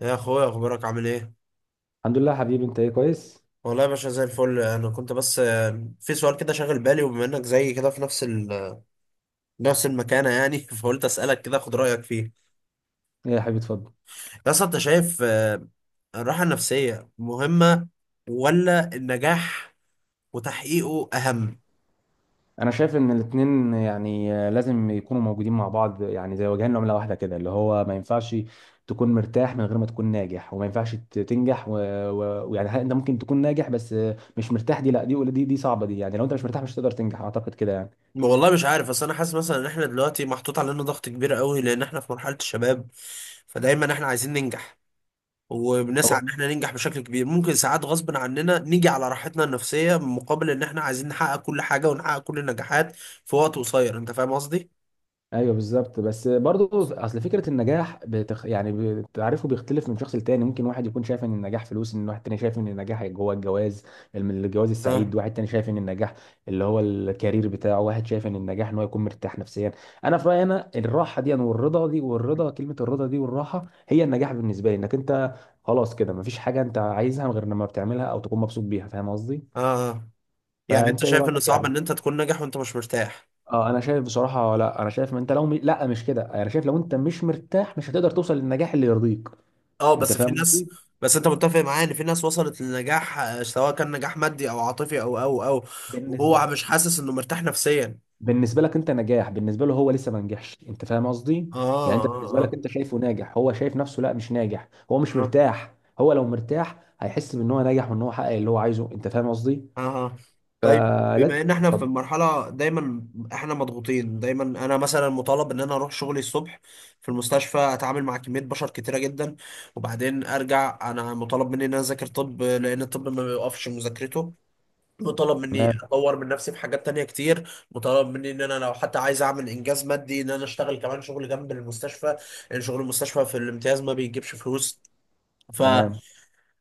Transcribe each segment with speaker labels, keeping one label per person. Speaker 1: يا اخويا، اخبارك عامل ايه؟
Speaker 2: الحمد لله حبيبي، انت ايه؟ كويس.
Speaker 1: والله يا باشا، زي الفل. انا كنت بس في سؤال كده شاغل بالي، وبما انك زي كده في نفس المكانه يعني فقلت اسالك كده اخد رايك فيه.
Speaker 2: ايه يا حبيبي، اتفضل.
Speaker 1: يا اسطى، انت شايف الراحه النفسيه مهمه ولا النجاح وتحقيقه اهم؟
Speaker 2: انا شايف ان الاتنين يعني لازم يكونوا موجودين مع بعض، يعني زي وجهين لعمله واحده كده، اللي هو ما ينفعش تكون مرتاح من غير ما تكون ناجح، وما ينفعش تنجح انت ممكن تكون ناجح بس مش مرتاح. دي لا، دي صعبه دي، يعني لو انت مش مرتاح مش هتقدر تنجح، اعتقد كده
Speaker 1: والله مش عارف، بس انا حاسس مثلا ان احنا دلوقتي محطوط علينا ضغط كبير قوي لان احنا في مرحله الشباب. فدايما احنا عايزين ننجح، وبنسعى
Speaker 2: يعني.
Speaker 1: ان احنا ننجح بشكل كبير. ممكن ساعات غصب عننا نيجي على راحتنا النفسية مقابل ان احنا عايزين نحقق كل حاجة ونحقق كل النجاحات في وقت قصير. انت فاهم قصدي؟
Speaker 2: ايوه بالظبط، بس برضو اصل فكره النجاح يعني تعرفه بيختلف من شخص لتاني، ممكن واحد يكون شايف ان النجاح فلوس، ان واحد تاني شايف ان النجاح جوه الجواز، الجواز السعيد،
Speaker 1: اه،
Speaker 2: واحد تاني شايف ان النجاح اللي هو الكارير بتاعه، واحد شايف ان النجاح ان هو يكون مرتاح نفسيا. انا في رايي انا الراحه دي والرضا دي، والرضا كلمه، الرضا دي والراحه هي النجاح بالنسبه لي، انك انت خلاص كده مفيش حاجه انت عايزها غير لما بتعملها او تكون مبسوط بيها، فاهم قصدي؟
Speaker 1: اه، آه. يعني انت
Speaker 2: فانت ايه
Speaker 1: شايف ان
Speaker 2: رايك
Speaker 1: صعب
Speaker 2: يعني؟
Speaker 1: ان انت تكون ناجح وانت مش مرتاح؟
Speaker 2: اه، انا شايف بصراحه، لا انا شايف، ما انت لو لا مش كده، انا شايف لو انت مش مرتاح مش هتقدر توصل للنجاح اللي يرضيك،
Speaker 1: اه،
Speaker 2: انت
Speaker 1: بس في
Speaker 2: فاهم
Speaker 1: ناس.
Speaker 2: قصدي؟
Speaker 1: بس انت متفق معايا ان في ناس وصلت للنجاح سواء كان نجاح مادي او عاطفي او وهو
Speaker 2: بالنسبه
Speaker 1: مش حاسس انه مرتاح نفسيا؟
Speaker 2: بالنسبه لك انت نجاح، بالنسبه له هو لسه ما نجحش، انت فاهم قصدي؟
Speaker 1: اه،
Speaker 2: يعني انت بالنسبه
Speaker 1: اه،
Speaker 2: لك
Speaker 1: اه،
Speaker 2: انت شايفه ناجح، هو شايف نفسه لا مش ناجح، هو مش
Speaker 1: آه.
Speaker 2: مرتاح، هو لو مرتاح هيحس بان هو ناجح وان هو حقق اللي هو عايزه، انت فاهم قصدي؟
Speaker 1: اها. طيب، بما
Speaker 2: فلا
Speaker 1: ان احنا في
Speaker 2: طب.
Speaker 1: مرحله دايما، احنا مضغوطين دايما. انا مثلا مطالب ان انا اروح شغلي الصبح في المستشفى، اتعامل مع كميه بشر كتيره جدا، وبعدين ارجع انا مطالب مني ان انا اذاكر طب لان الطب ما بيوقفش مذاكرته. مطالب مني
Speaker 2: تمام،
Speaker 1: اطور من نفسي في حاجات تانية كتير. مطالب مني ان انا لو حتى عايز اعمل انجاز مادي ان انا اشتغل كمان شغل جنب المستشفى لان شغل المستشفى في الامتياز ما بيجيبش فلوس.
Speaker 2: تمام.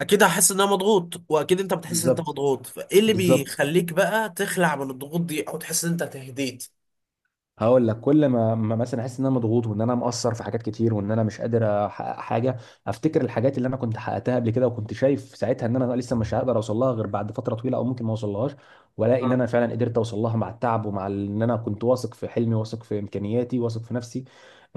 Speaker 1: اكيد هحس ان انا مضغوط واكيد انت بتحس ان انت
Speaker 2: بالظبط،
Speaker 1: مضغوط. فايه اللي
Speaker 2: بالظبط.
Speaker 1: بيخليك بقى تخلع من الضغوط دي او تحس ان انت تهديت؟
Speaker 2: هقول لك، كل ما مثلا احس ان انا مضغوط وان انا مقصر في حاجات كتير وان انا مش قادر احقق حاجه، افتكر الحاجات اللي انا كنت حققتها قبل كده، وكنت شايف ساعتها ان انا لسه مش هقدر اوصل لها غير بعد فتره طويله او ممكن ما اوصلهاش، والاقي ان
Speaker 1: اه،
Speaker 2: انا فعلا قدرت اوصل لها مع التعب ومع ان انا كنت واثق في حلمي، واثق في امكانياتي، واثق في نفسي،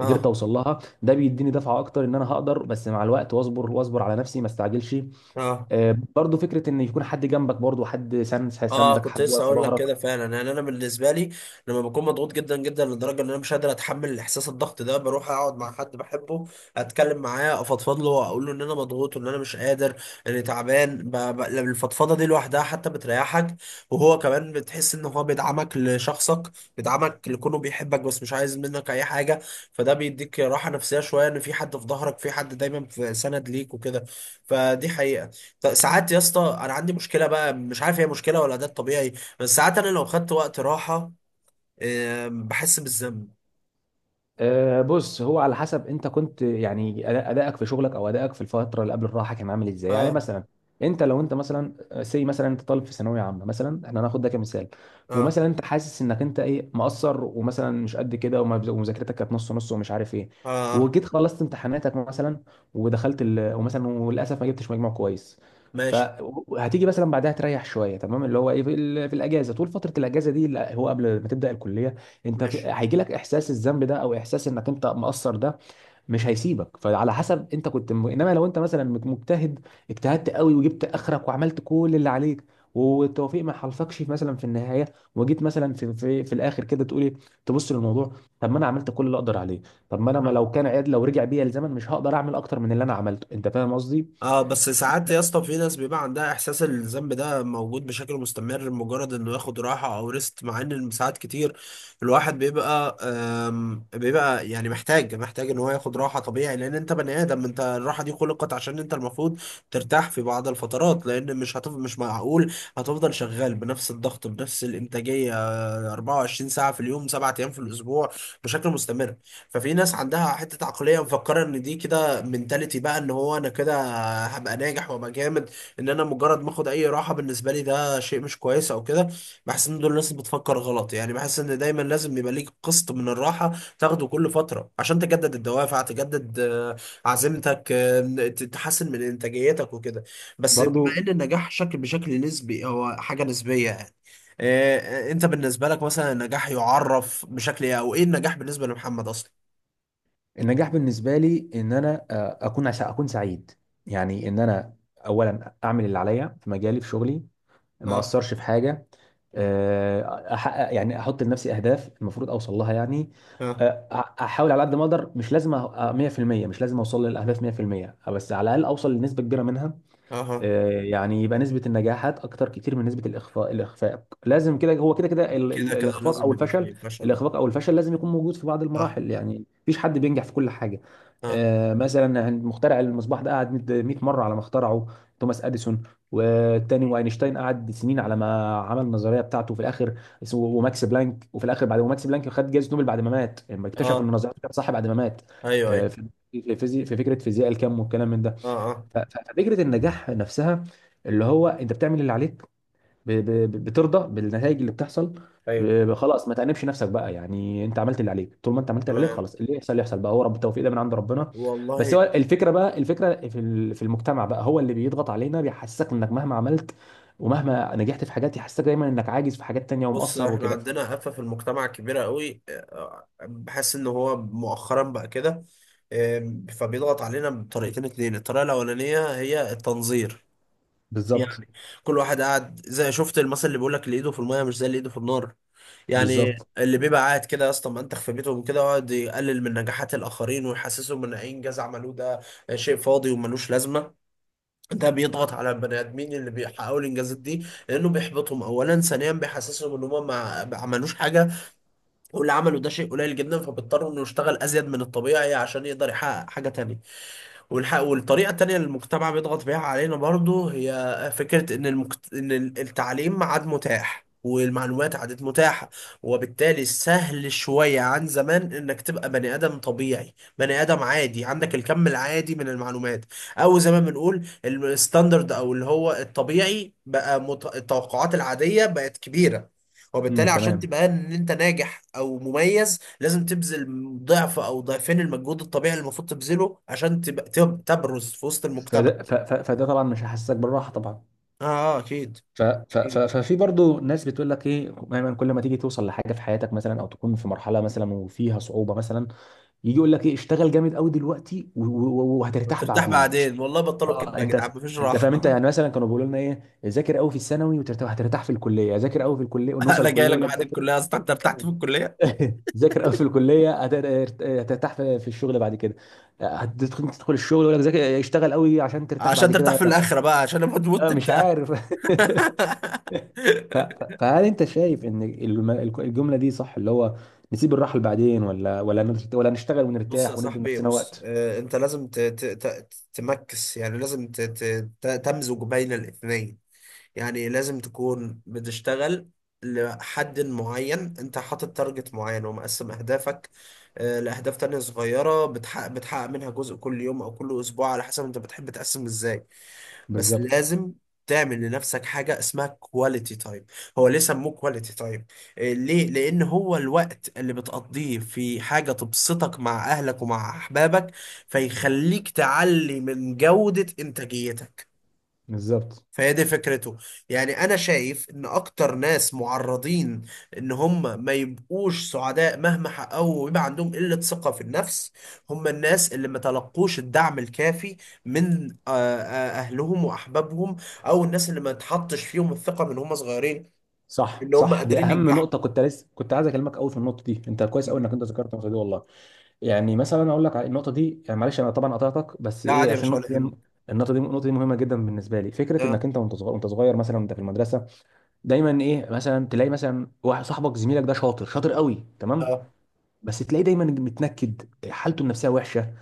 Speaker 2: قدرت اوصل لها. ده بيديني دفعه اكتر ان انا هقدر، بس مع الوقت، واصبر واصبر على نفسي ما استعجلش.
Speaker 1: اه،
Speaker 2: برضو فكره ان يكون حد جنبك، برضو حد سند،
Speaker 1: اه،
Speaker 2: سندك،
Speaker 1: كنت
Speaker 2: حد
Speaker 1: لسه
Speaker 2: واقف في
Speaker 1: اقول لك
Speaker 2: ظهرك.
Speaker 1: كده فعلا. يعني انا بالنسبه لي، لما بكون مضغوط جدا جدا لدرجه ان انا مش قادر اتحمل احساس الضغط ده، بروح اقعد مع حد بحبه، اتكلم معاه، افضفض له واقول له ان انا مضغوط وان انا مش قادر، اني تعبان. الفضفضه دي لوحدها حتى بتريحك. وهو كمان بتحس ان هو بيدعمك لشخصك، بيدعمك لكونه بيحبك، بس مش عايز منك اي حاجه. فده بيديك راحه نفسيه شويه، ان في حد في ظهرك، في حد دايما في سند ليك وكده. فدي حقيقه. ساعات يا اسطى، انا عندي مشكله بقى مش عارف هي مشكله ولا ده الطبيعي. بس ساعات انا لو خدت وقت راحه بحس بالذنب.
Speaker 2: أه بص، هو على حسب انت كنت يعني ادائك في شغلك او ادائك في الفتره اللي قبل الراحه كان عامل ازاي، يعني
Speaker 1: اه،
Speaker 2: مثلا انت لو انت مثلا، مثلا انت طالب في ثانويه عامه مثلا، احنا هناخد ده كمثال،
Speaker 1: اه،
Speaker 2: ومثلا انت حاسس انك انت ايه مقصر ومثلا مش قد كده ومذاكرتك كانت نص نص ومش عارف ايه،
Speaker 1: اه، آه.
Speaker 2: وجيت خلصت امتحاناتك مثلا، ودخلت ومثلا وللاسف ما جبتش مجموع كويس،
Speaker 1: ماشي،
Speaker 2: فهتيجي مثلا بعدها تريح شويه، تمام، اللي هو ايه في، في الاجازه، طول فتره الاجازه دي اللي هو قبل ما تبدا الكليه، انت
Speaker 1: ماشي.
Speaker 2: هيجيلك احساس الذنب ده او احساس انك انت مقصر ده مش هيسيبك، فعلى حسب انت كنت انما لو انت مثلا مجتهد اجتهدت قوي وجبت اخرك وعملت كل اللي عليك، والتوفيق ما حالفكش مثلا في النهايه، وجيت مثلا في الاخر كده تقول ايه، تبص للموضوع، طب ما انا عملت كل اللي اقدر عليه، طب ما انا ما لو كان عاد لو رجع بيا الزمن مش هقدر اعمل اكتر من اللي انا عملته، انت فاهم قصدي؟
Speaker 1: اه، بس ساعات يا اسطى في ناس بيبقى عندها احساس إن الذنب ده موجود بشكل مستمر، مجرد انه ياخد راحه او ريست، مع ان ساعات كتير الواحد بيبقى يعني محتاج ان هو ياخد راحه طبيعي، لان انت بني ادم، انت الراحه دي خلقت عشان انت المفروض ترتاح في بعض الفترات. لان مش معقول هتفضل شغال بنفس الضغط بنفس الانتاجيه 24 ساعة في اليوم 7 أيام في الأسبوع بشكل مستمر. ففي ناس عندها حتة عقلية مفكرة إن دي كده منتاليتي بقى، إن هو أنا كده هبقى ناجح وهبقى جامد، إن أنا مجرد ما آخد أي راحة بالنسبة لي ده شيء مش كويس أو كده. بحس إن دول الناس بتفكر غلط. يعني بحس إن دايما لازم يبقى ليك قسط من الراحة تاخده كل فترة عشان تجدد الدوافع، تجدد عزيمتك، تحسن من إنتاجيتك وكده. بس بما
Speaker 2: برضو
Speaker 1: ان النجاح بشكل نسبي، هو حاجه نسبيه. إيه، انت بالنسبه لك مثلا النجاح يعرف بشكل ايه؟ او ايه النجاح بالنسبه لمحمد اصلا؟
Speaker 2: النجاح بالنسبه لي ان انا اكون سعيد، يعني ان انا اولا اعمل اللي عليا في مجالي في شغلي، ما
Speaker 1: اه،
Speaker 2: اثرش في حاجه، احقق، يعني احط لنفسي اهداف المفروض اوصل لها يعني،
Speaker 1: اه،
Speaker 2: احاول على قد ما اقدر، مش لازم 100%، مش لازم اوصل للاهداف 100%، بس على الاقل اوصل لنسبه كبيره منها.
Speaker 1: اه.
Speaker 2: يعني يبقى نسبة النجاحات أكتر كتير من نسبة الإخفاق، الإخفاق لازم كده، هو كده كده
Speaker 1: كده كده
Speaker 2: الإخفاق
Speaker 1: لازم
Speaker 2: أو
Speaker 1: يبقى فيه
Speaker 2: الفشل،
Speaker 1: فشل. اه،
Speaker 2: الإخفاق أو الفشل لازم يكون موجود في بعض
Speaker 1: اه،
Speaker 2: المراحل، يعني مفيش حد بينجح في كل حاجة.
Speaker 1: اه،
Speaker 2: مثلا مخترع المصباح ده قعد 100 مرة على ما اخترعه، توماس أديسون، والتاني واينشتاين قعد سنين على ما عمل النظرية بتاعته في الآخر، وماكس بلانك، وفي الآخر بعد، وماكس بلانك خد جائزة نوبل بعد ما مات، لما اكتشف إن
Speaker 1: اه،
Speaker 2: نظريته كانت صح بعد ما مات.
Speaker 1: ايوه، ايوه،
Speaker 2: في في فكرة فيزياء الكم والكلام من ده.
Speaker 1: اه، اه،
Speaker 2: ففكره النجاح نفسها، اللي هو انت بتعمل اللي عليك، بترضى بالنتائج اللي بتحصل،
Speaker 1: ايوه.
Speaker 2: خلاص ما تأنبش نفسك بقى، يعني انت عملت اللي عليك، طول ما انت عملت اللي عليك
Speaker 1: تمام.
Speaker 2: خلاص، اللي يحصل يحصل بقى، هو رب التوفيق، ده من عند ربنا. بس هو
Speaker 1: والله.
Speaker 2: الفكره بقى، الفكره في في المجتمع بقى، هو اللي بيضغط علينا، بيحسسك انك مهما عملت ومهما نجحت في حاجات، يحسسك دايما انك عاجز في حاجات تانية
Speaker 1: بص،
Speaker 2: ومقصر
Speaker 1: احنا
Speaker 2: وكده.
Speaker 1: عندنا آفة في المجتمع كبيرة قوي، بحس ان هو مؤخرا بقى كده. فبيضغط علينا بطريقتين اتنين، الطريقة الأولانية هي التنظير.
Speaker 2: بالظبط،
Speaker 1: يعني كل واحد قاعد زي، شفت المثل اللي بيقول لك اللي ايده في الميه مش زي اللي ايده في النار؟ يعني
Speaker 2: بالظبط.
Speaker 1: اللي بيبقى قاعد كده يا اسطى منتخ في بيتهم كده، يقعد يقلل من نجاحات الاخرين ويحسسهم ان اي انجاز عملوه ده شيء فاضي وملوش لازمه. ده بيضغط على البني ادمين اللي بيحققوا الانجازات دي، لانه بيحبطهم اولا، ثانيا بيحسسهم ان هم ما عملوش حاجه، واللي عملوا ده شيء قليل جدا، فبيضطروا انه يشتغل ازيد من الطبيعي عشان يقدر يحقق حاجه تانية. والطريقة التانية اللي المجتمع بيضغط بيها علينا برضو هي فكرة إن التعليم ما عاد متاح والمعلومات عادت متاحة. وبالتالي سهل شوية عن زمان إنك تبقى بني آدم طبيعي، بني آدم عادي عندك الكم العادي من المعلومات، أو زي ما بنقول الستاندرد، أو اللي هو الطبيعي بقى التوقعات العادية بقت كبيرة. وبالتالي
Speaker 2: امم،
Speaker 1: عشان
Speaker 2: تمام.
Speaker 1: تبقى إن أنت ناجح أو مميز لازم تبذل ضعف او ضعفين المجهود الطبيعي اللي المفروض تبذله عشان تبقى تبرز في وسط المجتمع.
Speaker 2: فده فده طبعا مش هيحسسك بالراحه طبعا.
Speaker 1: اه، اكيد، اكيد.
Speaker 2: ففي برضو ناس بتقول لك ايه، دايما كل ما تيجي توصل لحاجه في حياتك مثلا، او تكون في مرحله مثلا وفيها صعوبه مثلا، يجي يقول لك ايه اشتغل جامد قوي دلوقتي وهترتاح
Speaker 1: ترتاح
Speaker 2: بعدين،
Speaker 1: بعدين؟ والله بطلوا
Speaker 2: اه
Speaker 1: كدب يا
Speaker 2: انت
Speaker 1: جدعان، مفيش
Speaker 2: انت
Speaker 1: راحه.
Speaker 2: فاهم، انت يعني مثلا كانوا بيقولوا لنا ايه ذاكر قوي في الثانوي وترتاح، هترتاح في الكليه، ذاكر قوي في الكليه، ونوصل
Speaker 1: انا
Speaker 2: الكليه
Speaker 1: جاي لك
Speaker 2: يقول لك
Speaker 1: بعد
Speaker 2: ذاكر.
Speaker 1: الكليه، اصلا انت ارتحت في الكليه؟
Speaker 2: ذاكر قوي في الكليه هترتاح في الشغل بعد كده، هتدخل، تدخل الشغل يقول لك ذاكر، اشتغل قوي عشان ترتاح
Speaker 1: عشان
Speaker 2: بعد
Speaker 1: ترتاح
Speaker 2: كده.
Speaker 1: في الاخره بقى، عشان لما تموت
Speaker 2: لا، مش
Speaker 1: تبدا.
Speaker 2: عارف. فهل انت شايف ان الجمله دي صح، اللي هو نسيب الراحه بعدين، ولا ولا نشتغل
Speaker 1: بص يا
Speaker 2: ونرتاح وندي
Speaker 1: صاحبي،
Speaker 2: لنفسنا
Speaker 1: بص
Speaker 2: وقت؟
Speaker 1: آه، انت لازم تمكس. يعني لازم تمزج بين الاثنين. يعني لازم تكون بتشتغل لحد معين، انت حاطط تارجت معين ومقسم اهدافك لاهداف تانية صغيرة، بتحقق منها جزء كل يوم او كل اسبوع على حسب انت بتحب تقسم ازاي. بس
Speaker 2: بالظبط،
Speaker 1: لازم تعمل لنفسك حاجة اسمها كواليتي تايم. هو ليه سموه كواليتي تايم؟ ليه؟ لان هو الوقت اللي بتقضيه في حاجة تبسطك مع اهلك ومع احبابك، فيخليك تعلي من جودة انتاجيتك.
Speaker 2: بالظبط.
Speaker 1: فهي دي فكرته. يعني انا شايف ان اكتر ناس معرضين ان هم ما يبقوش سعداء مهما حققوا ويبقى عندهم قلة ثقة في النفس، هم الناس اللي ما تلقوش الدعم الكافي من اهلهم واحبابهم، او الناس اللي ما تحطش فيهم الثقة من هم صغيرين
Speaker 2: صح،
Speaker 1: ان هم
Speaker 2: صح، دي
Speaker 1: قادرين
Speaker 2: اهم
Speaker 1: ينجحوا.
Speaker 2: نقطه، كنت لسه كنت عايز اكلمك قوي في النقطه دي، انت كويس قوي انك انت ذكرت النقطه دي والله. يعني مثلا اقول لك على النقطه دي يعني، معلش انا طبعا قطعتك، بس
Speaker 1: لا،
Speaker 2: ايه
Speaker 1: عادي يا
Speaker 2: عشان
Speaker 1: باشا،
Speaker 2: النقطه
Speaker 1: ولا
Speaker 2: دي،
Speaker 1: يهمك.
Speaker 2: النقطه دي مهمه جدا بالنسبه لي. فكره
Speaker 1: اه،
Speaker 2: انك انت وانت صغير، مثلا وانت في المدرسه، دايما ايه مثلا تلاقي مثلا واحد صاحبك زميلك ده شاطر، شاطر قوي تمام،
Speaker 1: اه،
Speaker 2: بس تلاقيه دايما متنكد، حالته النفسيه وحشه،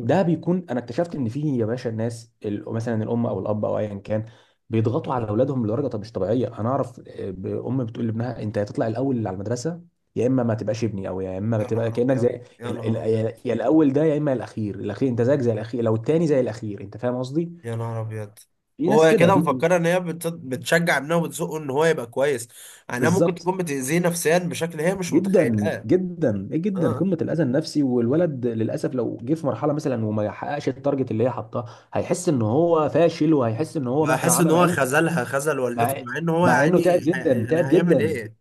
Speaker 2: ده بيكون، انا اكتشفت ان في يا باشا الناس مثلا الام او الاب او ايا كان، بيضغطوا على اولادهم لدرجه طب مش طبيعيه. انا اعرف ام بتقول لابنها انت يا تطلع الاول على المدرسه يا اما ما تبقاش ابني، او يا اما ما
Speaker 1: يا
Speaker 2: تبقى
Speaker 1: نهار
Speaker 2: كانك
Speaker 1: ابيض!
Speaker 2: زي
Speaker 1: يا
Speaker 2: ال- ال-
Speaker 1: نهار
Speaker 2: يا
Speaker 1: ابيض!
Speaker 2: يا الاول ده، يا اما الاخير، الاخير انت زيك زي الاخير، لو التاني زي الاخير، انت فاهم قصدي؟
Speaker 1: يا نهار ابيض!
Speaker 2: في ناس
Speaker 1: هو
Speaker 2: كده،
Speaker 1: كده
Speaker 2: في،
Speaker 1: مفكره ان هي بتشجع ابنها وبتزقه ان هو يبقى كويس. انا ممكن
Speaker 2: بالظبط.
Speaker 1: تكون بتاذيه نفسيا بشكل هي مش
Speaker 2: جدا
Speaker 1: متخيلاه.
Speaker 2: جدا، ايه جدا،
Speaker 1: اه،
Speaker 2: قمه الاذى النفسي، والولد للاسف لو جه في مرحله مثلا وما يحققش التارجت اللي هي حاطاه، هيحس ان هو فاشل، وهيحس ان هو مهما
Speaker 1: وهحس ان
Speaker 2: عمل، مع
Speaker 1: هو
Speaker 2: انه
Speaker 1: خذل
Speaker 2: مع,
Speaker 1: والدته، مع ان هو
Speaker 2: مع انه
Speaker 1: يعني
Speaker 2: تعب جدا،
Speaker 1: يعني
Speaker 2: تعب
Speaker 1: هيعمل
Speaker 2: جدا،
Speaker 1: ايه؟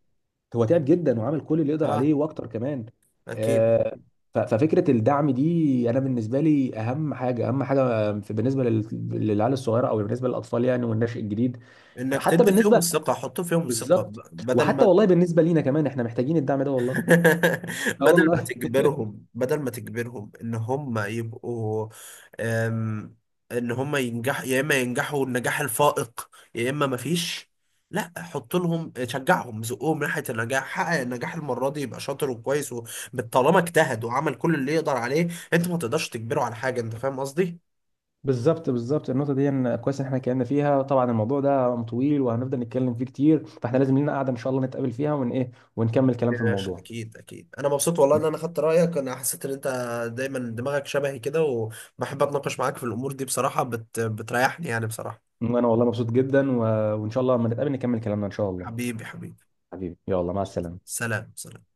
Speaker 2: هو تعب جدا وعمل كل اللي يقدر
Speaker 1: اه،
Speaker 2: عليه واكتر كمان.
Speaker 1: اكيد.
Speaker 2: آه، ففكره الدعم دي، انا بالنسبه لي اهم حاجه، اهم حاجه بالنسبه للعيال الصغيره او بالنسبه للاطفال يعني، والنشء الجديد.
Speaker 1: انك
Speaker 2: حتى
Speaker 1: تدي فيهم
Speaker 2: بالنسبه،
Speaker 1: الثقه، حط فيهم الثقه،
Speaker 2: بالظبط.
Speaker 1: بدل
Speaker 2: وحتى
Speaker 1: ما
Speaker 2: والله بالنسبه لينا كمان احنا محتاجين الدعم ده والله. اه
Speaker 1: بدل ما
Speaker 2: والله.
Speaker 1: تجبرهم بدل ما تجبرهم ان هم يبقوا، أم، ان هم ينجحوا، يا اما ينجحوا النجاح الفائق يا اما مفيش. لا، حط لهم، شجعهم، زقهم ناحيه النجاح. حقق النجاح المره دي يبقى شاطر وكويس طالما اجتهد وعمل كل اللي يقدر عليه، انت ما تقدرش تجبره على حاجه. انت فاهم قصدي؟
Speaker 2: بالظبط، بالظبط. النقطة دي إن كويس إن إحنا اتكلمنا فيها، طبعا الموضوع ده طويل وهنفضل نتكلم فيه كتير، فإحنا لازم لنا قعدة إن شاء الله نتقابل فيها ون إيه، ونكمل كلام في
Speaker 1: ماشي،
Speaker 2: الموضوع.
Speaker 1: اكيد، اكيد. انا مبسوط والله ان انا خدت رايك. انا حسيت ان انت دايما دماغك شبهي كده، وبحب اتناقش معاك في الامور دي بصراحه، بتريحني يعني بصراحه.
Speaker 2: وأنا والله مبسوط جدا، وإن شاء الله لما نتقابل نكمل كلامنا إن شاء الله.
Speaker 1: حبيبي، حبيبي.
Speaker 2: حبيبي، يلا مع السلامة.
Speaker 1: سلام، سلام.